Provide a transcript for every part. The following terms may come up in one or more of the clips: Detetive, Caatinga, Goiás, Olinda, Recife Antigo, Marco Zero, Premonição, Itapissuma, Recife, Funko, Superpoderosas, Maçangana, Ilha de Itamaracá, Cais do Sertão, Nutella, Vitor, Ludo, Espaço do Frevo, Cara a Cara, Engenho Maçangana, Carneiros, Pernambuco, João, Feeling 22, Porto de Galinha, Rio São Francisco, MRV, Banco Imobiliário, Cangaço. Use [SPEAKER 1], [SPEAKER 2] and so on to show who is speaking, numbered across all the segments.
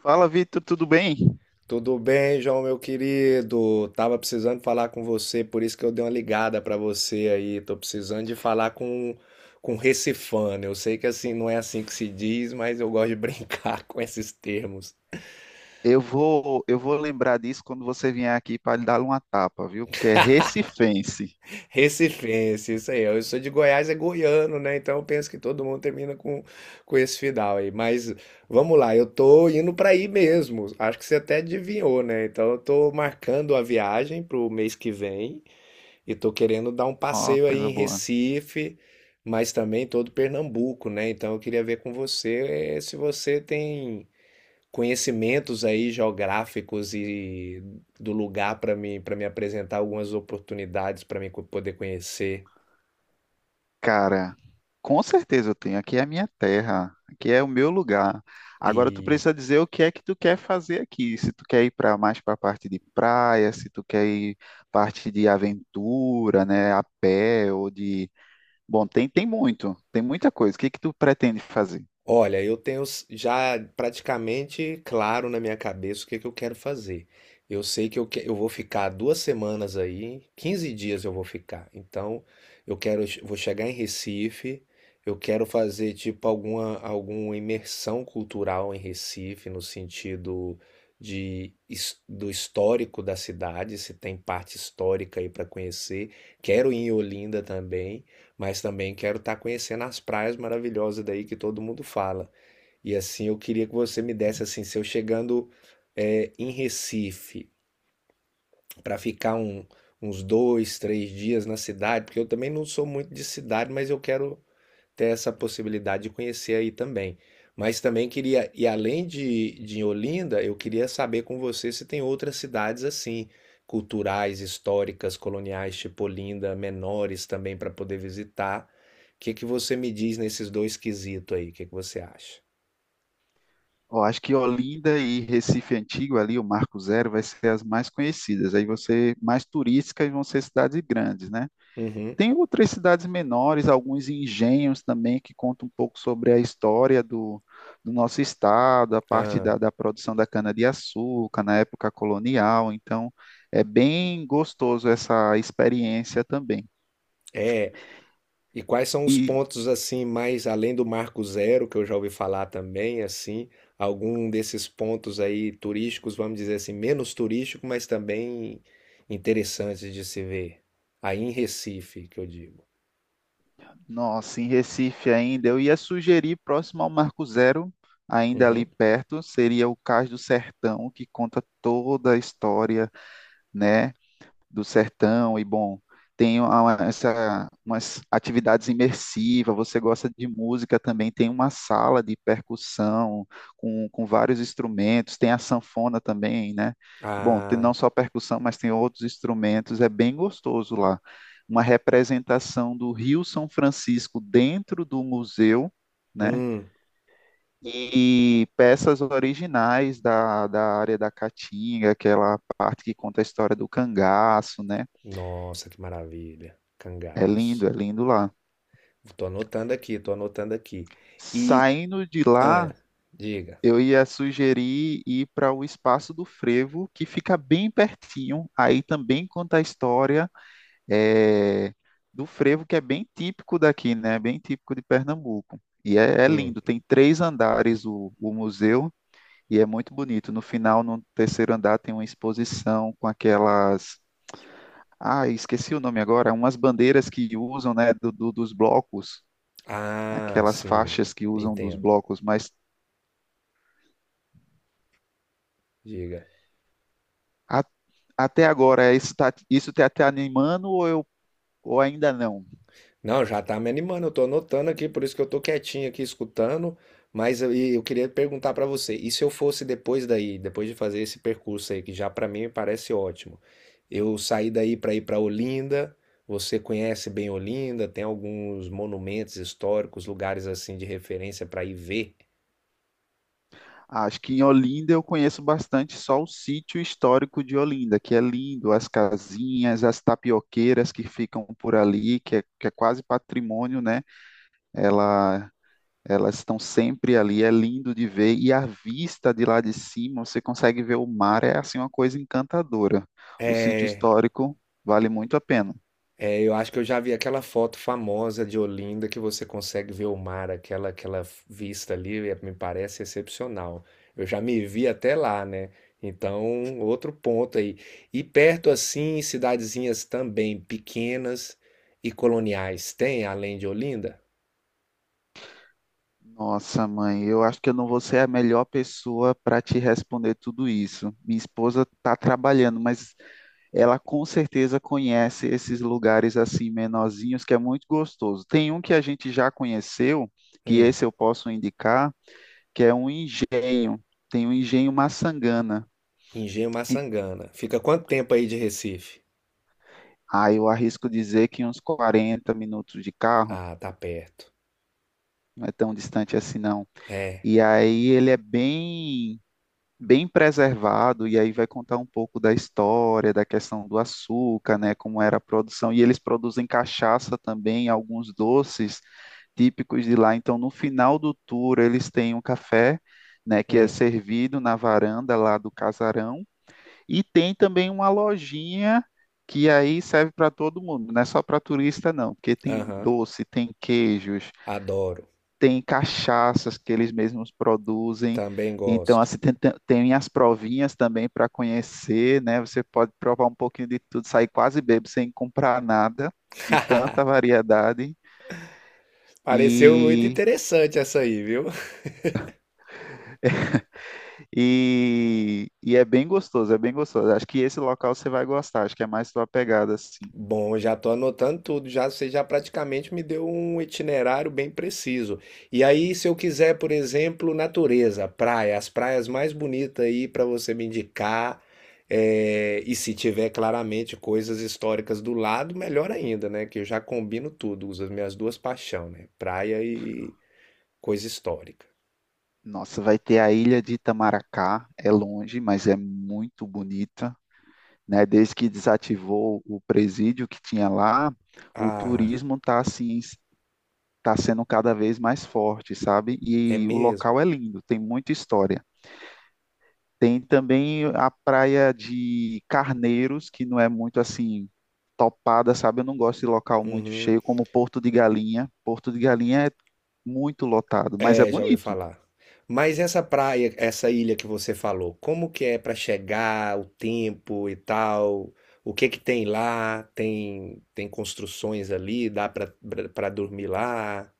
[SPEAKER 1] Fala, Vitor, tudo bem?
[SPEAKER 2] Tudo bem, João, meu querido? Tava precisando falar com você, por isso que eu dei uma ligada pra você aí. Tô precisando de falar com recifano. Eu sei que assim não é assim que se diz, mas eu gosto de brincar com esses termos.
[SPEAKER 1] Eu vou lembrar disso quando você vier aqui para lhe dar uma tapa, viu? Porque é recifense.
[SPEAKER 2] Recifense, isso aí. Eu sou de Goiás, é goiano, né? Então eu penso que todo mundo termina com esse final aí. Mas vamos lá, eu tô indo pra aí mesmo. Acho que você até adivinhou, né? Então eu tô marcando a viagem pro mês que vem. E tô querendo dar um
[SPEAKER 1] Ó,
[SPEAKER 2] passeio aí
[SPEAKER 1] coisa
[SPEAKER 2] em
[SPEAKER 1] boa.
[SPEAKER 2] Recife, mas também todo Pernambuco, né? Então eu queria ver com você se você tem conhecimentos aí geográficos e do lugar para mim, para me apresentar algumas oportunidades para mim poder conhecer
[SPEAKER 1] Cara, com certeza eu tenho. Aqui é a minha terra, aqui é o meu lugar. Agora tu
[SPEAKER 2] e.
[SPEAKER 1] precisa dizer o que é que tu quer fazer aqui. Se tu quer ir para mais para a parte de praia, se tu quer ir parte de aventura, né, a pé ou de, bom, tem muito, tem muita coisa. O que é que tu pretende fazer?
[SPEAKER 2] Olha, eu tenho já praticamente claro na minha cabeça o que que eu quero fazer. Eu sei que eu vou ficar 2 semanas aí, 15 dias eu vou ficar. Então, eu quero, vou chegar em Recife, eu quero fazer tipo alguma imersão cultural em Recife, no sentido de, do histórico da cidade, se tem parte histórica aí para conhecer. Quero ir em Olinda também, mas também quero estar conhecendo as praias maravilhosas daí que todo mundo fala. E assim, eu queria que você me desse assim, se eu chegando é, em Recife para ficar uns dois, três dias na cidade, porque eu também não sou muito de cidade, mas eu quero ter essa possibilidade de conhecer aí também. Mas também queria, e além de Olinda, eu queria saber com você se tem outras cidades assim, culturais, históricas, coloniais, tipo Olinda, menores também para poder visitar. O que que você me diz nesses dois quesitos aí? O que que você acha?
[SPEAKER 1] Ó, acho que Olinda e Recife Antigo ali, o Marco Zero vai ser as mais conhecidas. Aí você mais turísticas e vão ser cidades grandes, né?
[SPEAKER 2] Uhum.
[SPEAKER 1] Tem outras cidades menores, alguns engenhos também, que contam um pouco sobre a história do nosso estado, a parte
[SPEAKER 2] Ah,
[SPEAKER 1] da produção da cana-de-açúcar na época colonial. Então, é bem gostoso essa experiência também.
[SPEAKER 2] é. E quais são os
[SPEAKER 1] E,
[SPEAKER 2] pontos assim, mais além do Marco Zero, que eu já ouvi falar também, assim, algum desses pontos aí turísticos, vamos dizer assim, menos turístico, mas também interessantes de se ver. Aí em Recife, que eu digo.
[SPEAKER 1] nossa, em Recife ainda, eu ia sugerir próximo ao Marco Zero, ainda ali
[SPEAKER 2] Uhum.
[SPEAKER 1] perto, seria o Cais do Sertão, que conta toda a história, né? Do sertão e bom, tem uma- essa, umas atividades imersivas, você gosta de música também, tem uma sala de percussão com vários instrumentos, tem a sanfona também, né? Bom, tem não
[SPEAKER 2] Ah,
[SPEAKER 1] só percussão, mas tem outros instrumentos, é bem gostoso lá. Uma representação do Rio São Francisco dentro do museu, né?
[SPEAKER 2] hum,
[SPEAKER 1] E peças originais da área da Caatinga, aquela parte que conta a história do cangaço, né?
[SPEAKER 2] nossa, que maravilha. Cangaço.
[SPEAKER 1] É lindo lá.
[SPEAKER 2] Tô anotando aqui, tô anotando aqui. E,
[SPEAKER 1] Saindo de lá,
[SPEAKER 2] ah, diga.
[SPEAKER 1] eu ia sugerir ir para o Espaço do Frevo, que fica bem pertinho. Aí também conta a história eh, do frevo, que é bem típico daqui, né? Bem típico de Pernambuco. E é, é
[SPEAKER 2] Hum.
[SPEAKER 1] lindo, tem 3 andares o museu e é muito bonito. No final, no terceiro andar, tem uma exposição com aquelas. Ah, esqueci o nome agora, umas bandeiras que usam, né, do, do- dos blocos.
[SPEAKER 2] Ah,
[SPEAKER 1] Aquelas
[SPEAKER 2] sim,
[SPEAKER 1] faixas que usam dos
[SPEAKER 2] entendo.
[SPEAKER 1] blocos, mas
[SPEAKER 2] Diga.
[SPEAKER 1] a- até agora é isso, está isso tá te animando ou eu ou ainda não?
[SPEAKER 2] Não, já tá me animando, eu tô anotando aqui, por isso que eu tô quietinho aqui escutando, mas eu, e eu queria perguntar pra você, e se eu fosse depois daí, depois de fazer esse percurso aí, que já pra mim me parece ótimo, eu saí daí pra ir pra Olinda, você conhece bem Olinda, tem alguns monumentos históricos, lugares assim de referência pra ir ver.
[SPEAKER 1] Acho que em Olinda eu conheço bastante só o sítio histórico de Olinda, que é lindo, as casinhas, as tapioqueiras que ficam por ali, que é quase patrimônio, né? Ela elas estão sempre ali, é lindo de ver, e a vista de lá de cima, você consegue ver o mar, é assim uma coisa encantadora. O sítio
[SPEAKER 2] É.
[SPEAKER 1] histórico vale muito a pena.
[SPEAKER 2] É, eu acho que eu já vi aquela foto famosa de Olinda que você consegue ver o mar, aquela, aquela vista ali, é, me parece excepcional. Eu já me vi até lá, né? Então, outro ponto aí. E perto assim, cidadezinhas também pequenas e coloniais, tem além de Olinda?
[SPEAKER 1] Nossa, mãe, eu acho que eu não vou ser a melhor pessoa para te responder tudo isso. Minha esposa está trabalhando, mas ela com certeza conhece esses lugares assim menorzinhos que é muito gostoso. Tem um que a gente já conheceu, que
[SPEAKER 2] Hum.
[SPEAKER 1] esse eu posso indicar, que é um engenho. Tem um engenho Maçangana.
[SPEAKER 2] Engenho
[SPEAKER 1] E,
[SPEAKER 2] Maçangana. Fica quanto tempo aí de Recife?
[SPEAKER 1] ah, eu arrisco dizer que uns 40 minutos de carro,
[SPEAKER 2] Ah, tá perto.
[SPEAKER 1] não é tão distante assim não.
[SPEAKER 2] É.
[SPEAKER 1] E aí ele é bem bem preservado, e aí vai contar um pouco da história, da questão do açúcar, né, como era a produção, e eles produzem cachaça também, alguns doces típicos de lá. Então, no final do tour, eles têm um café, né, que é
[SPEAKER 2] Hum,
[SPEAKER 1] servido na varanda lá do casarão, e tem também uma lojinha que aí serve para todo mundo, não é só para turista não, porque tem
[SPEAKER 2] aham.
[SPEAKER 1] doce, tem queijos,
[SPEAKER 2] Adoro.
[SPEAKER 1] tem cachaças que eles mesmos produzem.
[SPEAKER 2] Também
[SPEAKER 1] Então,
[SPEAKER 2] gosto.
[SPEAKER 1] assim, tem, tem- tem as provinhas também para conhecer, né? Você pode provar um pouquinho de tudo, sair quase bêbado sem comprar nada, de tanta variedade.
[SPEAKER 2] Pareceu muito
[SPEAKER 1] E,
[SPEAKER 2] interessante essa aí, viu?
[SPEAKER 1] e é bem gostoso, é bem gostoso. Acho que esse local você vai gostar, acho que é mais sua pegada, assim.
[SPEAKER 2] Bom, já estou anotando tudo, já você já praticamente me deu um itinerário bem preciso. E aí, se eu quiser, por exemplo, natureza, praia, as praias mais bonitas aí para você me indicar, é, e se tiver claramente coisas históricas do lado, melhor ainda, né? Que eu já combino tudo, uso as minhas duas paixões, né? Praia e coisa histórica.
[SPEAKER 1] Nossa, vai ter a Ilha de Itamaracá, é longe, mas é muito bonita. Né? Desde que desativou o presídio que tinha lá, o
[SPEAKER 2] Ah,
[SPEAKER 1] turismo está assim, tá sendo cada vez mais forte, sabe?
[SPEAKER 2] é
[SPEAKER 1] E o
[SPEAKER 2] mesmo?
[SPEAKER 1] local é lindo, tem muita história. Tem também a praia de Carneiros, que não é muito assim topada, sabe? Eu não gosto de local muito
[SPEAKER 2] Uhum.
[SPEAKER 1] cheio, como Porto de Galinha. Porto de Galinha é muito lotado, mas é
[SPEAKER 2] É, já ouvi
[SPEAKER 1] bonito.
[SPEAKER 2] falar. Mas essa praia, essa ilha que você falou, como que é para chegar, o tempo e tal? O que que tem lá? Tem construções ali, dá para dormir lá?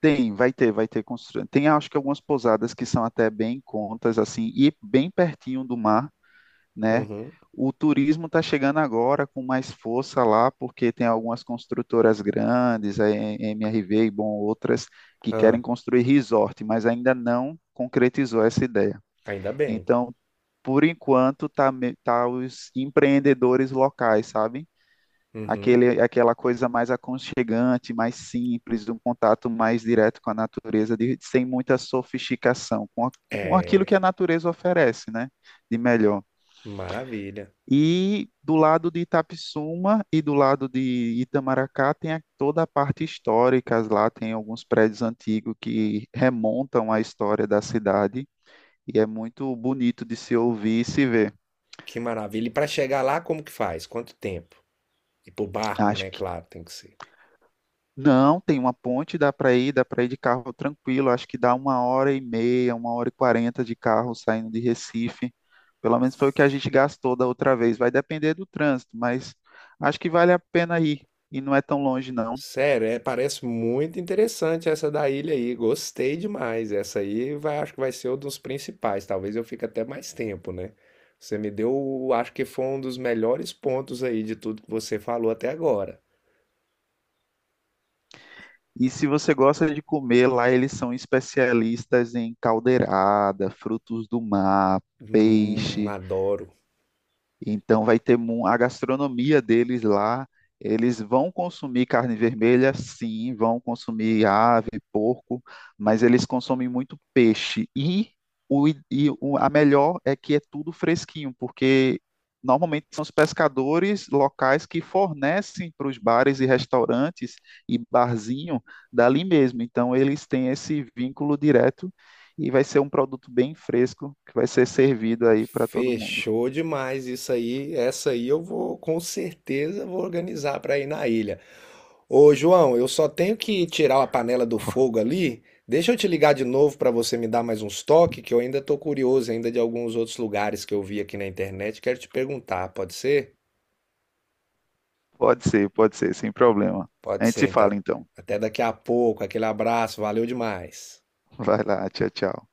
[SPEAKER 1] Tem, vai ter construção. Tem, acho que algumas pousadas que são até bem em contas, assim, e bem pertinho do mar. Né?
[SPEAKER 2] Uhum.
[SPEAKER 1] O turismo está chegando agora com mais força lá, porque tem algumas construtoras grandes, a MRV e bom, outras, que
[SPEAKER 2] Ah,
[SPEAKER 1] querem construir resort, mas ainda não concretizou essa ideia.
[SPEAKER 2] ainda bem.
[SPEAKER 1] Então, por enquanto, tá, me- tá os empreendedores locais, sabe?
[SPEAKER 2] Uhum.
[SPEAKER 1] Aquele, aquela coisa mais aconchegante, mais simples, um contato mais direto com a natureza, de- sem muita sofisticação, com, a- com aquilo que a
[SPEAKER 2] É,
[SPEAKER 1] natureza oferece, né? De melhor.
[SPEAKER 2] maravilha.
[SPEAKER 1] E do lado de Itapissuma e do lado de Itamaracá tem a- toda a parte histórica lá, tem alguns prédios antigos que remontam à história da cidade e é muito bonito de se ouvir e se ver.
[SPEAKER 2] Que maravilha. E para chegar lá, como que faz? Quanto tempo? E pro barco,
[SPEAKER 1] Acho
[SPEAKER 2] né?
[SPEAKER 1] que
[SPEAKER 2] Claro, tem que ser.
[SPEAKER 1] não, tem uma ponte, dá para ir de carro tranquilo, acho que dá 1 hora e meia, 1 hora e 40 de carro saindo de Recife. Pelo menos foi o que a gente gastou da outra vez. Vai depender do trânsito, mas acho que vale a pena ir e não é tão longe não.
[SPEAKER 2] Sério, é, parece muito interessante essa da ilha aí. Gostei demais. Essa aí vai, acho que vai ser um dos principais. Talvez eu fique até mais tempo, né? Você me deu, acho que foi um dos melhores pontos aí de tudo que você falou até agora.
[SPEAKER 1] E se você gosta de comer, lá eles são especialistas em caldeirada, frutos do mar, peixe.
[SPEAKER 2] Adoro.
[SPEAKER 1] Então vai ter mu- a gastronomia deles lá. Eles vão consumir carne vermelha, sim, vão consumir ave, porco, mas eles consomem muito peixe. E, o, i- e o- a melhor é que é tudo fresquinho, porque normalmente são os pescadores locais que fornecem para os bares e restaurantes e barzinho dali mesmo. Então eles têm esse vínculo direto e vai ser um produto bem fresco que vai ser servido aí para todo mundo.
[SPEAKER 2] Fechou demais isso aí. Essa aí eu vou, com certeza, vou organizar para ir na ilha. Ô, João, eu só tenho que tirar a panela do fogo ali. Deixa eu te ligar de novo para você me dar mais uns toques, que eu ainda tô curioso ainda de alguns outros lugares que eu vi aqui na internet. Quero te perguntar, pode ser?
[SPEAKER 1] Pode ser, sem problema.
[SPEAKER 2] Pode
[SPEAKER 1] A gente se
[SPEAKER 2] ser,
[SPEAKER 1] fala
[SPEAKER 2] então.
[SPEAKER 1] então.
[SPEAKER 2] Até daqui a pouco. Aquele abraço, valeu demais.
[SPEAKER 1] Vai lá, tchau, tchau.